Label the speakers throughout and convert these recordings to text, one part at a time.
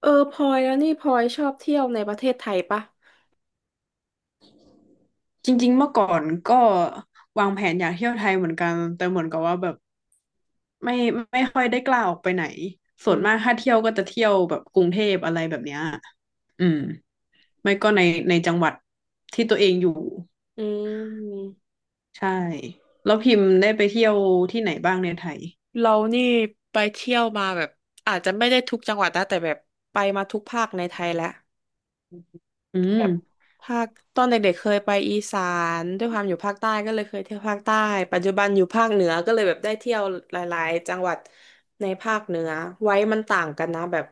Speaker 1: เออพลอยแล้วนี่พลอยชอบเที่ยวในประเทศไทยปะ
Speaker 2: จริงๆเมื่อก่อนก็วางแผนอยากเที่ยวไทยเหมือนกัน แต่เหมือนกับว่าแบบไม่ไม่ค่อยได้กล้าออกไปไหนส่
Speaker 1: อื
Speaker 2: วน
Speaker 1: ม
Speaker 2: มากถ้าเที่ยวก็จะเที่ยวแบบกรุงเทพอะไรแบบเนี้ยอืมไม่ก็ในจังหวัดที่ตัวเองอยู่
Speaker 1: อืม
Speaker 2: ใช่แล้วพิมพ์ได้ไปเที่ยวที่ไหนบ้างในไทย
Speaker 1: เรานี่ไปเที่ยวมาแบบอาจจะไม่ได้ทุกจังหวัดนะแต่แบบไปมาทุกภาคในไทยแล้ว
Speaker 2: อื
Speaker 1: แบ
Speaker 2: ม
Speaker 1: บภาคตอนเด็กๆเคยไปอีสานด้วยความอยู่ภาคใต้ก็เลยเคยเที่ยวภาคใต้ปัจจุบันอยู่ภาคเหนือก็เลยแบบได้เที่ยวหลายๆจังหวัดในภาคเหนือไว้มันต่างกันนะแบบ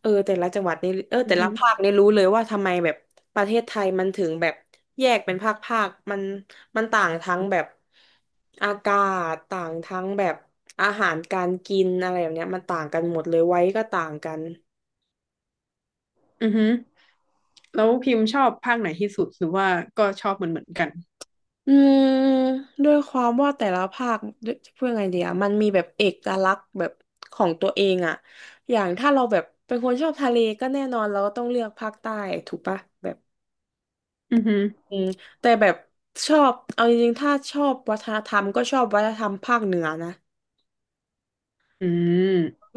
Speaker 1: เออแต่ละจังหวัดนี่เออ
Speaker 2: อื
Speaker 1: แต่
Speaker 2: อ
Speaker 1: ละ
Speaker 2: ฮึ
Speaker 1: ภาคนี่รู้เลยว่าทำไมแบบประเทศไทยมันถึงแบบแยกเป็นภาคภาคมันต่างทั้งแบบอากาศต่างทั้งแบบอาหารการกินอะไรแบบเนี้ยมันต่างกันหมดเลยไว้ก็ต่างกัน
Speaker 2: อือฮึแล้วพิมพ์ชอบภาคไหนที่สุดหรือว่าก็ชอบเหมือนกัน
Speaker 1: อืมด้วยความว่าแต่ละภาคด้วยจะพูดยังไงดีอะมันมีแบบเอกลักษณ์แบบของตัวเองอะอย่างถ้าเราแบบเป็นคนชอบทะเลก็แน่นอนเราก็ต้องเลือกภาคใต้ถูกปะแบบ
Speaker 2: อือฮึ
Speaker 1: อืมแต่แบบชอบเอาจริงๆถ้าชอบวัฒนธรรมก็ชอบวัฒนธรรมภาคเหนือนะ
Speaker 2: อืม
Speaker 1: ร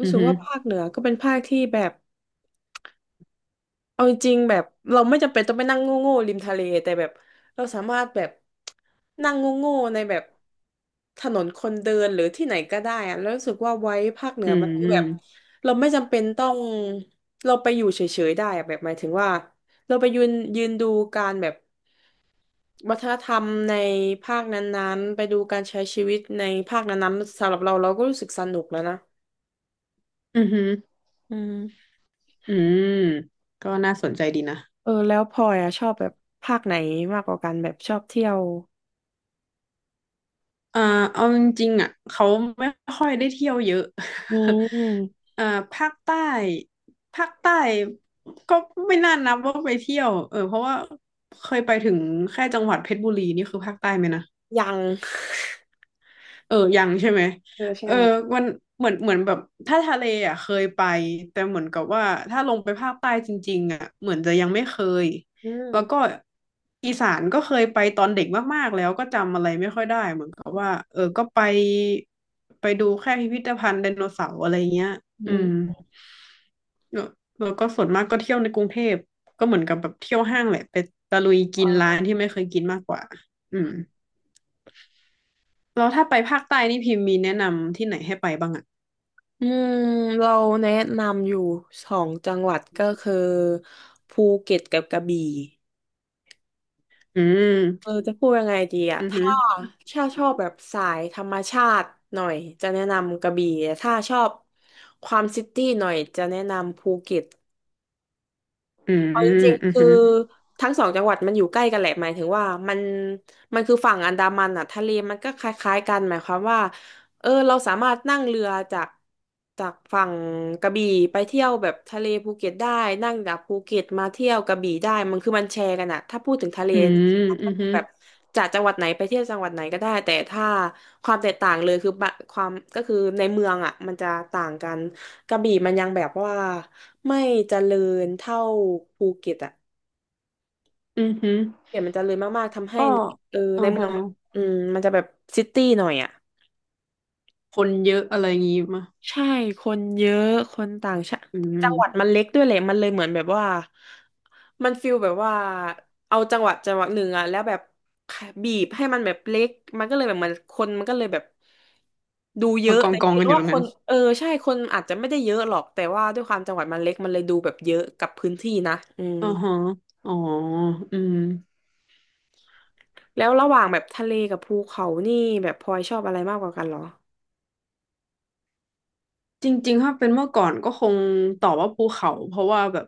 Speaker 2: อื
Speaker 1: ู้
Speaker 2: อ
Speaker 1: สึก
Speaker 2: ฮึ
Speaker 1: ว่าภาคเหนือก็เป็นภาคที่แบบ เอาจริงๆแบบเราไม่จำเป็นต้องไปนั่งโง่ๆริมทะเลแต่แบบเราสามารถแบบนั่งโง่ๆในแบบถนนคนเดินหรือที่ไหนก็ได้อะแล้วรู้สึกว่าไว้ภาคเหนื
Speaker 2: อื
Speaker 1: อมันคือแบบ
Speaker 2: ม
Speaker 1: เราไม่จำเป็นต้องเราไปอยู่เฉยๆได้อะแบบหมายถึงว่าเราไปยืนดูการแบบวัฒนธรรมในภาคนั้นๆไปดูการใช้ชีวิตในภาคนั้นๆสำหรับเราเราก็รู้สึกสนุกแล้วนะ
Speaker 2: อือฮึ
Speaker 1: อืม
Speaker 2: อืมก็น่าสนใจดีนะ
Speaker 1: เออแล้วพลอยอะชอบแบบภาคไหนมากกว่ากันแบบชอบเที่ยว
Speaker 2: อ่าเอาจริงๆอ่ะเขาไม่ค่อยได้เที่ยวเยอะ
Speaker 1: อืม
Speaker 2: อ่าภาคใต้ภาคใต้ก็ไม่น่านับว่าไปเที่ยวเออเพราะว่าเคยไปถึงแค่จังหวัดเพชรบุรีนี่คือภาคใต้ไหมนะ
Speaker 1: ยัง
Speaker 2: เออยังใช่ไหม
Speaker 1: เออ
Speaker 2: เอ
Speaker 1: ใช่
Speaker 2: อมันเหมือนแบบถ้าทะเลอ่ะเคยไปแต่เหมือนกับว่าถ้าลงไปภาคใต้จริงๆอ่ะเหมือนจะยังไม่เคย
Speaker 1: อื
Speaker 2: แล้วก็
Speaker 1: ม
Speaker 2: อีสานก็เคยไปตอนเด็กมากๆแล้วก็จำอะไรไม่ค่อยได้เหมือนกับว่าเออก็ไปดูแค่พิพิธภัณฑ์ไดโนเสาร์อะไรเงี้ย
Speaker 1: อื
Speaker 2: อืม
Speaker 1: ม
Speaker 2: แล้วแล้วก็ส่วนมากก็เที่ยวในกรุงเทพก็เหมือนกับแบบเที่ยวห้างแหละไปตะลุยกิน
Speaker 1: เอ
Speaker 2: ร้านที่ไม่เคยกินมากกว่าอืมแล้วถ้าไปภาคใต้นี่พิมพ์มีแนะนำที่ไหนให้ไปบ้างอะ
Speaker 1: อืมเราแนะนำอยู่สองจังหวัดก็คือภูเก็ตกับกระบี่
Speaker 2: อื
Speaker 1: เออ
Speaker 2: ม
Speaker 1: จะพูดยังไงดีอะ
Speaker 2: อือหือ
Speaker 1: ถ้าชอบแบบสายธรรมชาติหน่อยจะแนะนำกระบี่แต่ถ้าชอบความซิตี้หน่อยจะแนะนำภูเก็ต
Speaker 2: อืม
Speaker 1: เอาจริง
Speaker 2: อื
Speaker 1: ๆ
Speaker 2: อ
Speaker 1: คือ
Speaker 2: หือ
Speaker 1: ทั้งสองจังหวัดมันอยู่ใกล้กันแหละหมายถึงว่ามันมันคือฝั่งอันดามันอ่ะทะเลมันก็คล้ายๆกันหมายความว่าเออเราสามารถนั่งเรือจากฝั่งกระบี่ไปเที่ยวแบบทะเลภูเก็ตได้นั่งจากภูเก็ตมาเที่ยวกระบี่ได้มันคือมันแชร์กันอ่ะถ้าพูดถึงทะเล
Speaker 2: อื
Speaker 1: จริ
Speaker 2: ม
Speaker 1: งๆมัน
Speaker 2: อื
Speaker 1: ก็
Speaker 2: อ
Speaker 1: คือ
Speaker 2: หือ
Speaker 1: แบบจากจังหวัดไหนไปเที่ยวจังหวัดไหนก็ได้แต่ถ้าความแตกต่างเลยคือความก็คือในเมืองอ่ะมันจะต่างกัน กระบี่มันยังแบบว่าไม่เจริญเท่าภูเก็ตอะ
Speaker 2: อือหือ
Speaker 1: เดี๋ยวมันเจริญมากๆทำให้
Speaker 2: ก็
Speaker 1: ในเออ
Speaker 2: อ่า
Speaker 1: ในเมือ
Speaker 2: ฮะ
Speaker 1: งอืมมันจะแบบซิตี้หน่อยอะ
Speaker 2: คนเยอะอะไรงี้มา
Speaker 1: ใช่คนเยอะคนต่างชาติ
Speaker 2: อื
Speaker 1: จังหวัด
Speaker 2: ม
Speaker 1: มันเล็กด้วยแหละมันเลยเหมือนแบบว่ามันฟิลแบบว่าเอาจังหวัดจังหวัดหนึ่งอะแล้วแบบบีบให้มันแบบเล็กมันก็เลยแบบเหมันคนมันก็เลยแบบดูเย
Speaker 2: มา
Speaker 1: อะ
Speaker 2: กอง
Speaker 1: แต่จ
Speaker 2: กอง
Speaker 1: ริง
Speaker 2: กันอ
Speaker 1: ๆ
Speaker 2: ยู่
Speaker 1: ว่า
Speaker 2: ตรง
Speaker 1: ค
Speaker 2: นั้
Speaker 1: น
Speaker 2: น
Speaker 1: เออใช่คนอาจจะไม่ได้เยอะหรอกแต่ว่าด้วยความจังหวัดมันเล็กมันเลยดูแบบเยอะกับพื้นที่นะอืม
Speaker 2: อืมฮะอ๋ออืม
Speaker 1: แล้วระหว่างแบบทะเลกับภูเขานี่แบบพลอยชอบอะไรมากกว่ากันเหรอ
Speaker 2: จริงๆถ้าเป็นเมื่อก่อนก็คงตอบว่าภูเขาเพราะว่าแบบ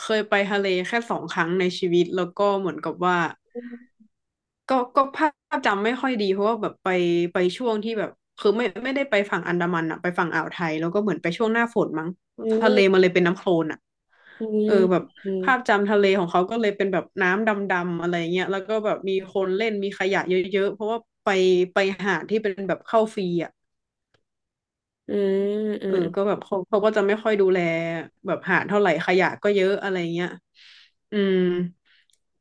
Speaker 2: เคยไปทะเลแค่สองครั้งในชีวิตแล้วก็เหมือนกับว่า
Speaker 1: อื
Speaker 2: ก็ภาพจำไม่ค่อยดีเพราะว่าแบบไปช่วงที่แบบคือไม่ได้ไปฝั่งอันดามันอะไปฝั่งอ่าวไทยแล้วก็เหมือนไปช่วงหน้าฝนมั้งทะเลมั
Speaker 1: ม
Speaker 2: นเลยเป็นน้ำโคลนอะ
Speaker 1: อื
Speaker 2: เอ
Speaker 1: ม
Speaker 2: อแบบ
Speaker 1: อื
Speaker 2: ภาพ
Speaker 1: ม
Speaker 2: จำทะเลของเขาก็เลยเป็นแบบน้ำดำๆอะไรเงี้ยแล้วก็แบบมีคนเล่นมีขยะเยอะๆเพราะว่าไปไปหาดที่เป็นแบบเข้าฟรีอะ
Speaker 1: อืมอื
Speaker 2: เอ
Speaker 1: ม
Speaker 2: อก็แบบเขาก็จะไม่ค่อยดูแลแบบหาดเท่าไหร่ขยะก็เยอะอะไรเงี้ยอืม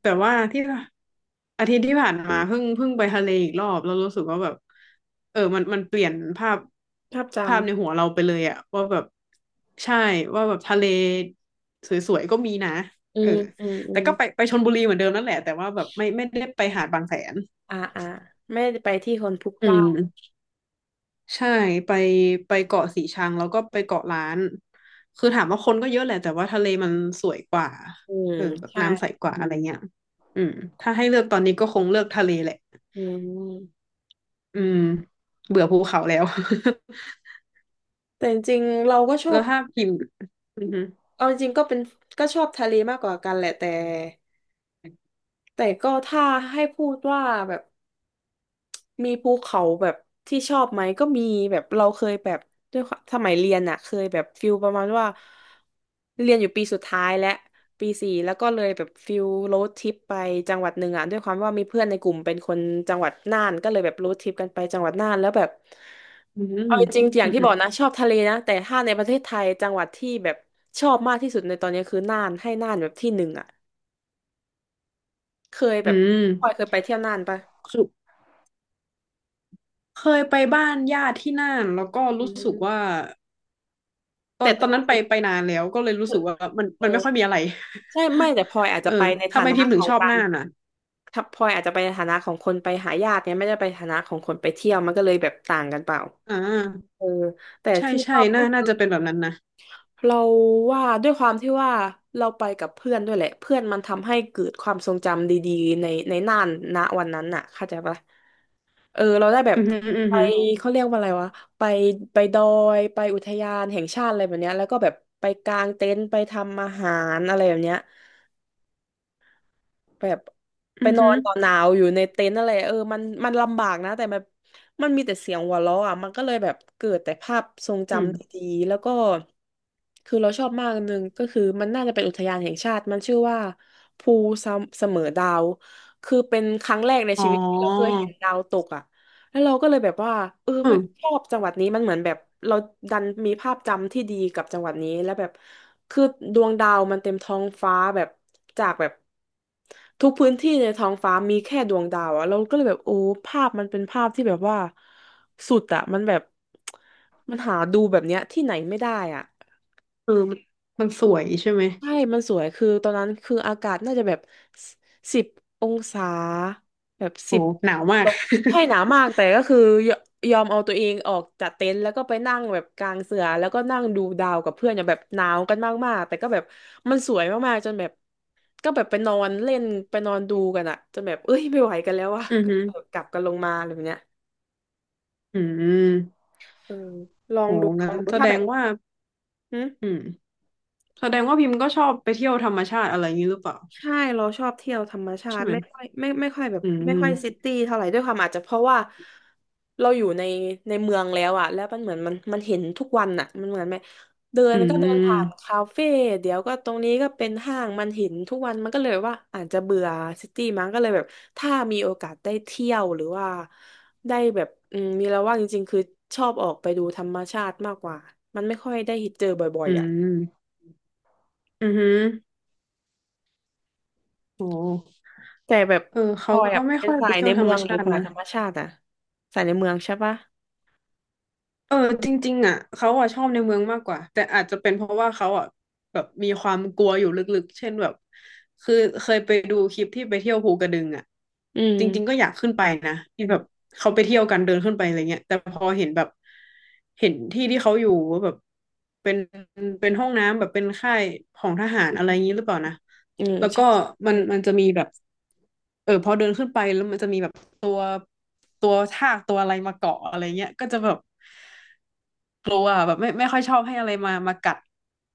Speaker 2: แต่ว่าที่อาทิตย์ที่ผ่านมาเพิ่งไปทะเลอีกรอบแล้วรู้สึกว่าแบบเออมันเปลี่ยนภาพ
Speaker 1: ภาพจ
Speaker 2: ภาพในหัวเราไปเลยอะว่าแบบใช่ว่าแบบทะเลสวยๆก็มีนะ
Speaker 1: ำอื
Speaker 2: เออ
Speaker 1: มอืมอื
Speaker 2: แต่
Speaker 1: ม
Speaker 2: ก็ไปชลบุรีเหมือนเดิมนั่นแหละแต่ว่าแบบไม่ได้ไปหาดบางแสน
Speaker 1: อ่าอ่าไม่ได้ไปที่คนพลุกพ
Speaker 2: อื
Speaker 1: ล่าน
Speaker 2: ม ใช่ไปไปเกาะสีชังแล้วก็ไปเกาะล้านคือถามว่าคนก็เยอะแหละแต่ว่าทะเลมันสวยกว่า
Speaker 1: อืม
Speaker 2: เออแบบ
Speaker 1: ใช่
Speaker 2: น้ำใสกว่าอะไรเงี้ยอืมถ้าให้เลือกตอนนี้ก็คงเลือกทะเลแหละ
Speaker 1: อืม
Speaker 2: อืมเบื่อภูเขาแล้ว
Speaker 1: แต่จริงๆเราก็ช อ
Speaker 2: แล้
Speaker 1: บ
Speaker 2: วถ้าพิมพ์อืม
Speaker 1: เอาจริงๆก็เป็นก็ชอบทะเลมากกว่ากันแหละแต่แต่ก็ถ้าให้พูดว่าแบบ มีภูเขาแบบที่ชอบไหมก็มีแบบเราเคยแบบด้วยความสมัยเรียนอะเคยแบบฟิลประมาณว่าเรียนอยู่ปีสุดท้ายและปีสี่แล้วก็เลยแบบฟิลโรดทริปไปจังหวัดหนึ่งอะด้วยความว่ามีเพื่อนในกลุ่มเป็นคนจังหวัดน่านก็เลยแบบโรดทริปกันไปจังหวัดน่านแล้วแบบ
Speaker 2: อืมอืม
Speaker 1: เอาจริงๆอย่างที่
Speaker 2: อื
Speaker 1: บ
Speaker 2: ม
Speaker 1: อกนะชอบทะเลนะแต่ถ้าในประเทศไทยจังหวัดที่แบบชอบมากที่สุดในตอนนี้คือน่านให้น่านแบบที่หนึ่งอะเคยแบ
Speaker 2: อื
Speaker 1: บ
Speaker 2: ม
Speaker 1: พลอยเคยไปเที่ยวน่านปะ
Speaker 2: คือเคยไปบ้านญาติที่น่านแล้วก็
Speaker 1: อื
Speaker 2: รู้สึก
Speaker 1: ม
Speaker 2: ว่าตอ
Speaker 1: แต่
Speaker 2: น
Speaker 1: ต
Speaker 2: ตอ
Speaker 1: อ
Speaker 2: น
Speaker 1: น
Speaker 2: นั้นไป
Speaker 1: นั้น
Speaker 2: ไปนานแล้วก็เลยรู้
Speaker 1: คื
Speaker 2: สึ
Speaker 1: อ
Speaker 2: กว่ามัน
Speaker 1: เออ
Speaker 2: มันไม่ค่อยมีอะไร
Speaker 1: ใช่ไม่แต่พลอยอาจ
Speaker 2: เอ
Speaker 1: จะ
Speaker 2: อ
Speaker 1: ไปใน
Speaker 2: ทำ
Speaker 1: ฐา
Speaker 2: ไม
Speaker 1: นะ
Speaker 2: พิมพ์
Speaker 1: ข
Speaker 2: ถึง
Speaker 1: อง
Speaker 2: ชอบ
Speaker 1: การ
Speaker 2: น่านอ่ะ
Speaker 1: ถ้าพลอยอาจจะไปในฐานะของคนไปหาญาติเนี่ยไม่ได้ไปฐานะของคนไปเที่ยวมันก็เลยแบบต่างกันเปล่า
Speaker 2: อ่า
Speaker 1: เออแต่
Speaker 2: ใช่
Speaker 1: ที่ช
Speaker 2: ใช่
Speaker 1: อบก็
Speaker 2: น่า
Speaker 1: คือ
Speaker 2: น่าจะเป็นแบบนั้นนะ
Speaker 1: เราว่าด้วยความที่ว่าเราไปกับเพื่อนด้วยแหละเพื่อนมันทำให้เกิดความทรงจำดีๆในน่านณวันนั้นน่ะเข้าใจปะเออเราได้แบบ
Speaker 2: อือหืออือ
Speaker 1: ไป
Speaker 2: หือ
Speaker 1: เขาเรียกว่าอะไรวะไปไปดอไปอุทยานแห่งชาติอะไรแบบเนี้ยแล้วก็แบบไปกางเต็นท์ไปทำอาหารอะไรแบบเนี้ย แบบไป
Speaker 2: อือ
Speaker 1: นอ
Speaker 2: หือ
Speaker 1: นต่อนหนาวอยู่ในเต็นท์อะไรเออมันลำบากนะแต่แบบมันมีแต่เสียงหัวเราะอ่ะมันก็เลยแบบเกิดแต่ภาพทรงจ
Speaker 2: อืม
Speaker 1: ำดีๆแล้วก็คือเราชอบมากอันหนึงก็คือมันน่าจะเป็นอุทยานแห่งชาติมันชื่อว่าภูเสมอดาวคือเป็นครั้งแรกใน
Speaker 2: อ๋อ
Speaker 1: ชีวิตที่เราเคยเห็นดาวตกอ่ะ แล้วเราก็เลยแบบว่าเออ
Speaker 2: เอ
Speaker 1: ไม่
Speaker 2: อ
Speaker 1: ชอบจังหวัดนี้มันเหมือนแบบเราดันมีภาพจำที่ดีกับจังหวัดนี้แล้วแบบคือดวงดาวมันเต็มท้องฟ้าแบบจากแบบทุกพื้นที่ในท้องฟ้ามีแค่ดวงดาวอะเราก็เลยแบบโอ้ภาพมันเป็นภาพที่แบบว่าสุดอะมันแบบมันหาดูแบบเนี้ยที่ไหนไม่ได้อะ
Speaker 2: เออมันสวยใช่ไหม
Speaker 1: ใช่มันสวยคือตอนนั้นคืออากาศน่าจะแบบ10 องศาแบบ
Speaker 2: โอ้
Speaker 1: สิบ
Speaker 2: หนาวมา
Speaker 1: ต
Speaker 2: ก
Speaker 1: กใช่หนาวมากแต่ก็คือยยอมเอาตัวเองออกจากเต็นท์แล้วก็ไปนั่งแบบกลางเสือแล้วก็นั่งดูดาวกับเพื่อนอย่างแบบหนาวกันมากๆแต่ก็แบบมันสวยมากๆจนแบบก็แบบไปนอนเล่นไปนอนดูกันอะจนแบบเอ้ยไม่ไหวกันแล้วว่ะ
Speaker 2: อือหือ
Speaker 1: ก็กลับกันลงมาอะไรแบบเนี้ย
Speaker 2: อืม
Speaker 1: เออลอง
Speaker 2: โอ้
Speaker 1: ดูล
Speaker 2: งั้
Speaker 1: อ
Speaker 2: น
Speaker 1: งดู
Speaker 2: แส
Speaker 1: ถ้า
Speaker 2: ด
Speaker 1: แบ
Speaker 2: ง
Speaker 1: บ
Speaker 2: ว่า
Speaker 1: หึ
Speaker 2: อืมแสดงว่าพิมพ์ก็ชอบไปเที่ยวธรรมชาติอะไรอย่างนี้หรือเปล่า
Speaker 1: ใช่เราชอบเที่ยวธรรมชา
Speaker 2: ใช่
Speaker 1: ติ
Speaker 2: ไหม
Speaker 1: ไม่ค่อยไม่ไม่ค่อยแบบ
Speaker 2: อื
Speaker 1: ไม่ค่อยซิ
Speaker 2: ม
Speaker 1: ตี้เท่าไหร่ด้วยความอาจจะเพราะว่าเราอยู่ในเมืองแล้วอะแล้วมันเหมือนมันเห็นทุกวันอะมันเหมือนไหมเดิน
Speaker 2: อื
Speaker 1: ก็เดินผ่าน
Speaker 2: ม
Speaker 1: คาเฟ่เดี๋ยวก็ตรงนี้ก็เป็นห้างมันเห็นทุกวันมันก็เลยว่าอาจจะเบื่อซิตี้มั้งก็เลยแบบถ้ามีโอกาสได้เที่ยวหรือว่าได้แบบอืมมีแล้วว่างจริงๆคือชอบออกไปดูธรรมชาติมากกว่ามันไม่ค่อยได้เจอบ่อย
Speaker 2: อื
Speaker 1: ๆอะ
Speaker 2: มอือหือโอ้
Speaker 1: แต่แบบ
Speaker 2: เออ
Speaker 1: พ
Speaker 2: เขา
Speaker 1: ลอย
Speaker 2: ก็
Speaker 1: อ่ะ
Speaker 2: ไม่
Speaker 1: เป็น
Speaker 2: ค่อย
Speaker 1: สา
Speaker 2: ไป
Speaker 1: ย
Speaker 2: เที่
Speaker 1: ใน
Speaker 2: ยวธร
Speaker 1: เมื
Speaker 2: ร
Speaker 1: อ
Speaker 2: ม
Speaker 1: งหรื
Speaker 2: ชา
Speaker 1: อ
Speaker 2: ติ
Speaker 1: สาย
Speaker 2: นะ
Speaker 1: ธรรมชาติอ่ะสายในเมืองใช่ปะ
Speaker 2: เออจริงๆอ่ะเขาอ่ะชอบในเมืองมากกว่าแต่อาจจะเป็นเพราะว่าเขาอ่ะแบบมีความกลัวอยู่ลึกๆเช่นแบบคือเคยไปดูคลิปที่ไปเที่ยวภูกระดึงอ่ะ
Speaker 1: อื
Speaker 2: จริงๆก็
Speaker 1: ม
Speaker 2: อยากขึ้นไปนะที่
Speaker 1: อื
Speaker 2: แบ
Speaker 1: ม
Speaker 2: บเขาไปเที่ยวกันเดินขึ้นไปอะไรเงี้ยแต่พอเห็นแบบเห็นที่ที่เขาอยู่ว่าแบบเป็นเป็นห้องน้ำแบบเป็นค่ายของทหารอะไรอย่างนี้หรือเปล่านะ
Speaker 1: อืม
Speaker 2: แล้ว
Speaker 1: ใช่
Speaker 2: ก็มั
Speaker 1: ใช่
Speaker 2: นมันจะมีแบบเออพอเดินขึ้นไปแล้วมันจะมีแบบตัวตัวทากตัวอะไรมาเกาะอะไรเงี้ยก็จะแบบ กลัวอะแบบไม่ค่อยชอบให้อะไรมามากัด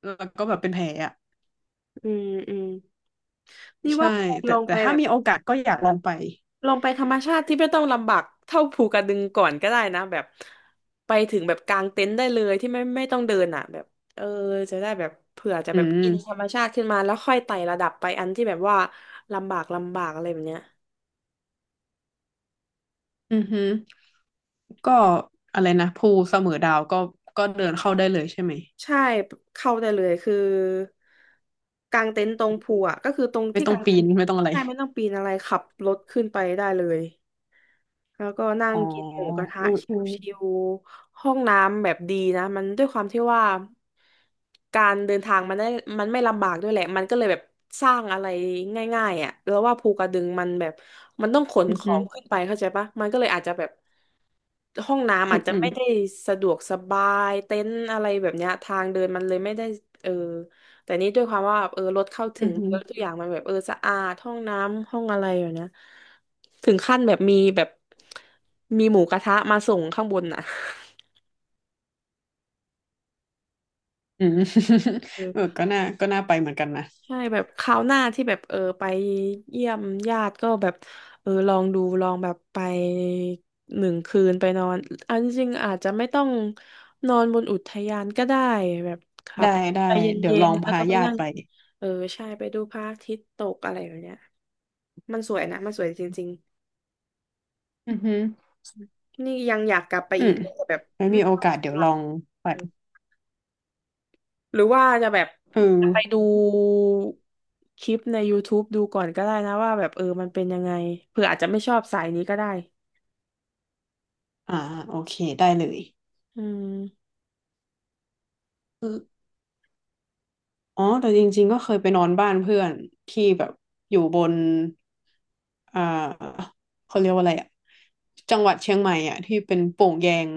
Speaker 2: แล้วก็แบบเป็นแผลอ่ะ
Speaker 1: อืมอืมนี่
Speaker 2: ใช่
Speaker 1: ว่าพลอยล
Speaker 2: แต่
Speaker 1: อง
Speaker 2: แต่
Speaker 1: ไป
Speaker 2: ถ้า
Speaker 1: แบบ
Speaker 2: มีโอกาสก็อยากลองไป
Speaker 1: ลองไปธรรมชาติที่ไม่ต้องลำบากเท่าภูกระดึงก่อนก็ได้นะแบบไปถึงแบบกางเต็นท์ได้เลยที่ไม่ต้องเดินอ่ะแบบเออจะได้แบบเผื่อจะ
Speaker 2: อื
Speaker 1: แบบ
Speaker 2: ม
Speaker 1: อินธรรมชาติขึ้นมาแล้วค่อยไต่ระดับไปอันที่แบบว่าลำบากอะไรแบบเนี้ย
Speaker 2: อือฮึก็อะไรนะภูเสมอดาวก็ก็เดินเข้าได้เลยใช่ไหม
Speaker 1: ใช่เข้าได้เลยคือกางเต็นท์ตรงภูอ่ะก็คือตรง
Speaker 2: ไม่
Speaker 1: ที่
Speaker 2: ต้อง
Speaker 1: กาง
Speaker 2: ปี
Speaker 1: เต็น
Speaker 2: น
Speaker 1: ท์
Speaker 2: ไม่ต้องอะไร
Speaker 1: ใช่ไม่ต้องปีนอะไรขับรถขึ้นไปได้เลยแล้วก็นั่
Speaker 2: อ๋
Speaker 1: ง
Speaker 2: อ
Speaker 1: กินหมูกระทะ
Speaker 2: อืออือ
Speaker 1: ชิวๆห้องน้ำแบบดีนะมันด้วยความที่ว่าการเดินทางมันได้มันไม่ลำบากด้วยแหละมันก็เลยแบบสร้างอะไรง่ายๆอ่ะแล้วว่าภูกระดึงมันแบบมันต้องขน
Speaker 2: อือ
Speaker 1: ขอ
Speaker 2: ฮึ
Speaker 1: งขึ้นไปเข้าใจปะมันก็เลยอาจจะแบบ ห้องน้ำ
Speaker 2: อื
Speaker 1: อา
Speaker 2: อ
Speaker 1: จจะ
Speaker 2: อือ
Speaker 1: ไม่ได้สะดวกสบายเต็นท์อะไรแบบเนี้ยทางเดินมันเลยไม่ได้เออแต่นี้ด้วยความว่าเออรถเข้าถึ
Speaker 2: อือ
Speaker 1: ง
Speaker 2: ฮึ
Speaker 1: แล้วทุกอย่างมันแบบเออสะอาดห้องน้ำห้องอะไรอย่างเนี้ยถึงขั้นแบบมีแบบมีหมูกระทะมาส่งข้างบนอ่ะ
Speaker 2: อือ เออ ก็น่าก็น่าไปเหมือนกันนะ
Speaker 1: ใช่แบบคราวหน้าที่แบบเออไปเยี่ยมญาติก็แบบเออลองดูลองแบบไป1 คืนไปนอนเอันจริงๆอาจจะไม่ต้องนอนบนอุทยานก็ได้แบบครับ
Speaker 2: ได้
Speaker 1: ไป
Speaker 2: ได้
Speaker 1: เ
Speaker 2: เดี๋ยว
Speaker 1: ย็
Speaker 2: ล
Speaker 1: น
Speaker 2: อง
Speaker 1: ๆแล้ว
Speaker 2: พา
Speaker 1: ก็ไป
Speaker 2: ญา
Speaker 1: นั่
Speaker 2: ติ
Speaker 1: ง
Speaker 2: ไป
Speaker 1: เออใช่ไปดูพระอาทิตย์ตกอะไรแบบเนี้ยมันสวยนะมันสวยจริง
Speaker 2: อือฮึ
Speaker 1: ๆนี่ยังอยากกลับไป
Speaker 2: อื
Speaker 1: อี
Speaker 2: ม
Speaker 1: กแต่แบบ
Speaker 2: ไม่
Speaker 1: ไม่
Speaker 2: มีโอ
Speaker 1: มี
Speaker 2: กาสเดี๋
Speaker 1: เว
Speaker 2: ยว
Speaker 1: ลา
Speaker 2: ลองไป
Speaker 1: หรือว่าจะแบบ
Speaker 2: เออ
Speaker 1: จะไปดูคลิปใน YouTube ดูก่อนก็ได้นะว่าแบบเออมันเป็นยังไงเผื่ออาจจะไม่ชอบสายนี้ก็ได้
Speaker 2: อ่าโอเคได้เลย
Speaker 1: อืม
Speaker 2: อ๋อแต่จริงๆก็เคยไปนอนบ้านเพื่อนที่แบบอยู่บนอ่าเขาเรียกว่าอะไรอะจังหวัดเชียงใหม่อะที่เป็นโป่งแยง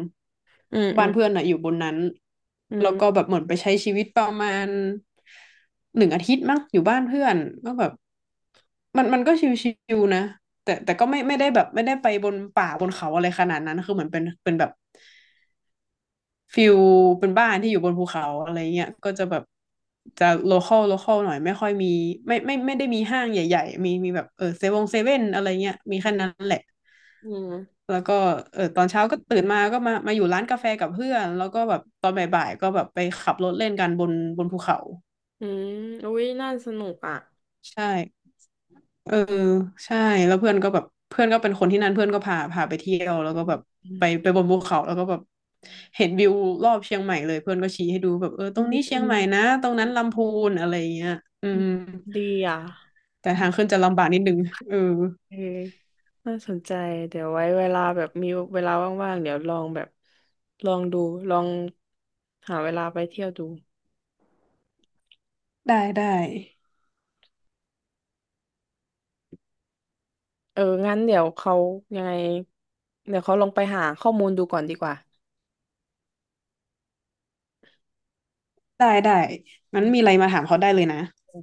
Speaker 1: อืมอื
Speaker 2: บ้าน
Speaker 1: ม
Speaker 2: เพื่อนอะอยู่บนนั้น
Speaker 1: อื
Speaker 2: แล้วก็
Speaker 1: ม
Speaker 2: แบบเหมือนไปใช้ชีวิตประมาณหนึ่งอาทิตย์มั้งอยู่บ้านเพื่อนก็แบบมันมันก็ชิวๆนะแต่แต่ก็ไม่ไม่ได้แบบไม่ได้ไปบนป่าบนเขาอะไรขนาดนั้นคือเหมือนเป็นเป็นแบบ ฟิลเป็นบ้านที่อยู่บนภูเขาอะไรเงี้ยก็จะแบบจะโลคอลโลคอลหน่อยไม่ค่อยมีไม่ได้มีห้างใหญ่ๆมีแบบเออเซเว่นเซเว่นอะไรเงี้ยมีแค่นั้นแหละ
Speaker 1: อืม
Speaker 2: แล้วก็เออตอนเช้าก็ตื่นมาก็มาอยู่ร้านกาแฟกับเพื่อนแล้วก็แบบตอนบ่ายๆก็แบบไปขับรถเล่นกันบนภูเขา
Speaker 1: อืมอมอุ๊ยน่าสนุกอ่ะ
Speaker 2: ใช่ เออใช่แล้วเพื่อนก็แบบเพื่อนก็เป็นคนที่นั่นเพื่อนก็พาไปเที่ยวแล้วก็แบบ
Speaker 1: อื
Speaker 2: ไป
Speaker 1: ม
Speaker 2: ไปบนภูเขาแล้วก็แบบเห็นวิวรอบเชียงใหม่เลยเพื่อนก็ชี้ให้ดูแบบเออต
Speaker 1: อื
Speaker 2: รง
Speaker 1: ม
Speaker 2: นี้เชี
Speaker 1: อื
Speaker 2: ยง
Speaker 1: ม
Speaker 2: ใหม่นะตรง
Speaker 1: อื
Speaker 2: นั้น
Speaker 1: ม
Speaker 2: ลำพูนอะไรอย่างเงี้ยอื
Speaker 1: อื
Speaker 2: ม
Speaker 1: มดีอ่ะ
Speaker 2: แต่ทางขึ้นจะลำบากนิดนึงเออ
Speaker 1: เออน่าสนใจเดี๋ยวไว้เวลาแบบมีเวลาว่างๆเดี๋ยวลองแบบลองดูลองหาเวลาไปเที่ยวดู
Speaker 2: ได้ได้
Speaker 1: เออ งั้นเดี๋ยวเขายังไงเดี๋ยวเขาลองไปหาข้อมูลดูก่อนดีกว่า
Speaker 2: ได้ได้
Speaker 1: อื
Speaker 2: งั้น
Speaker 1: ม
Speaker 2: มีอะไรมาถามเขาได้เลยนะ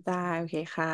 Speaker 1: ได้ โอเคค่ะ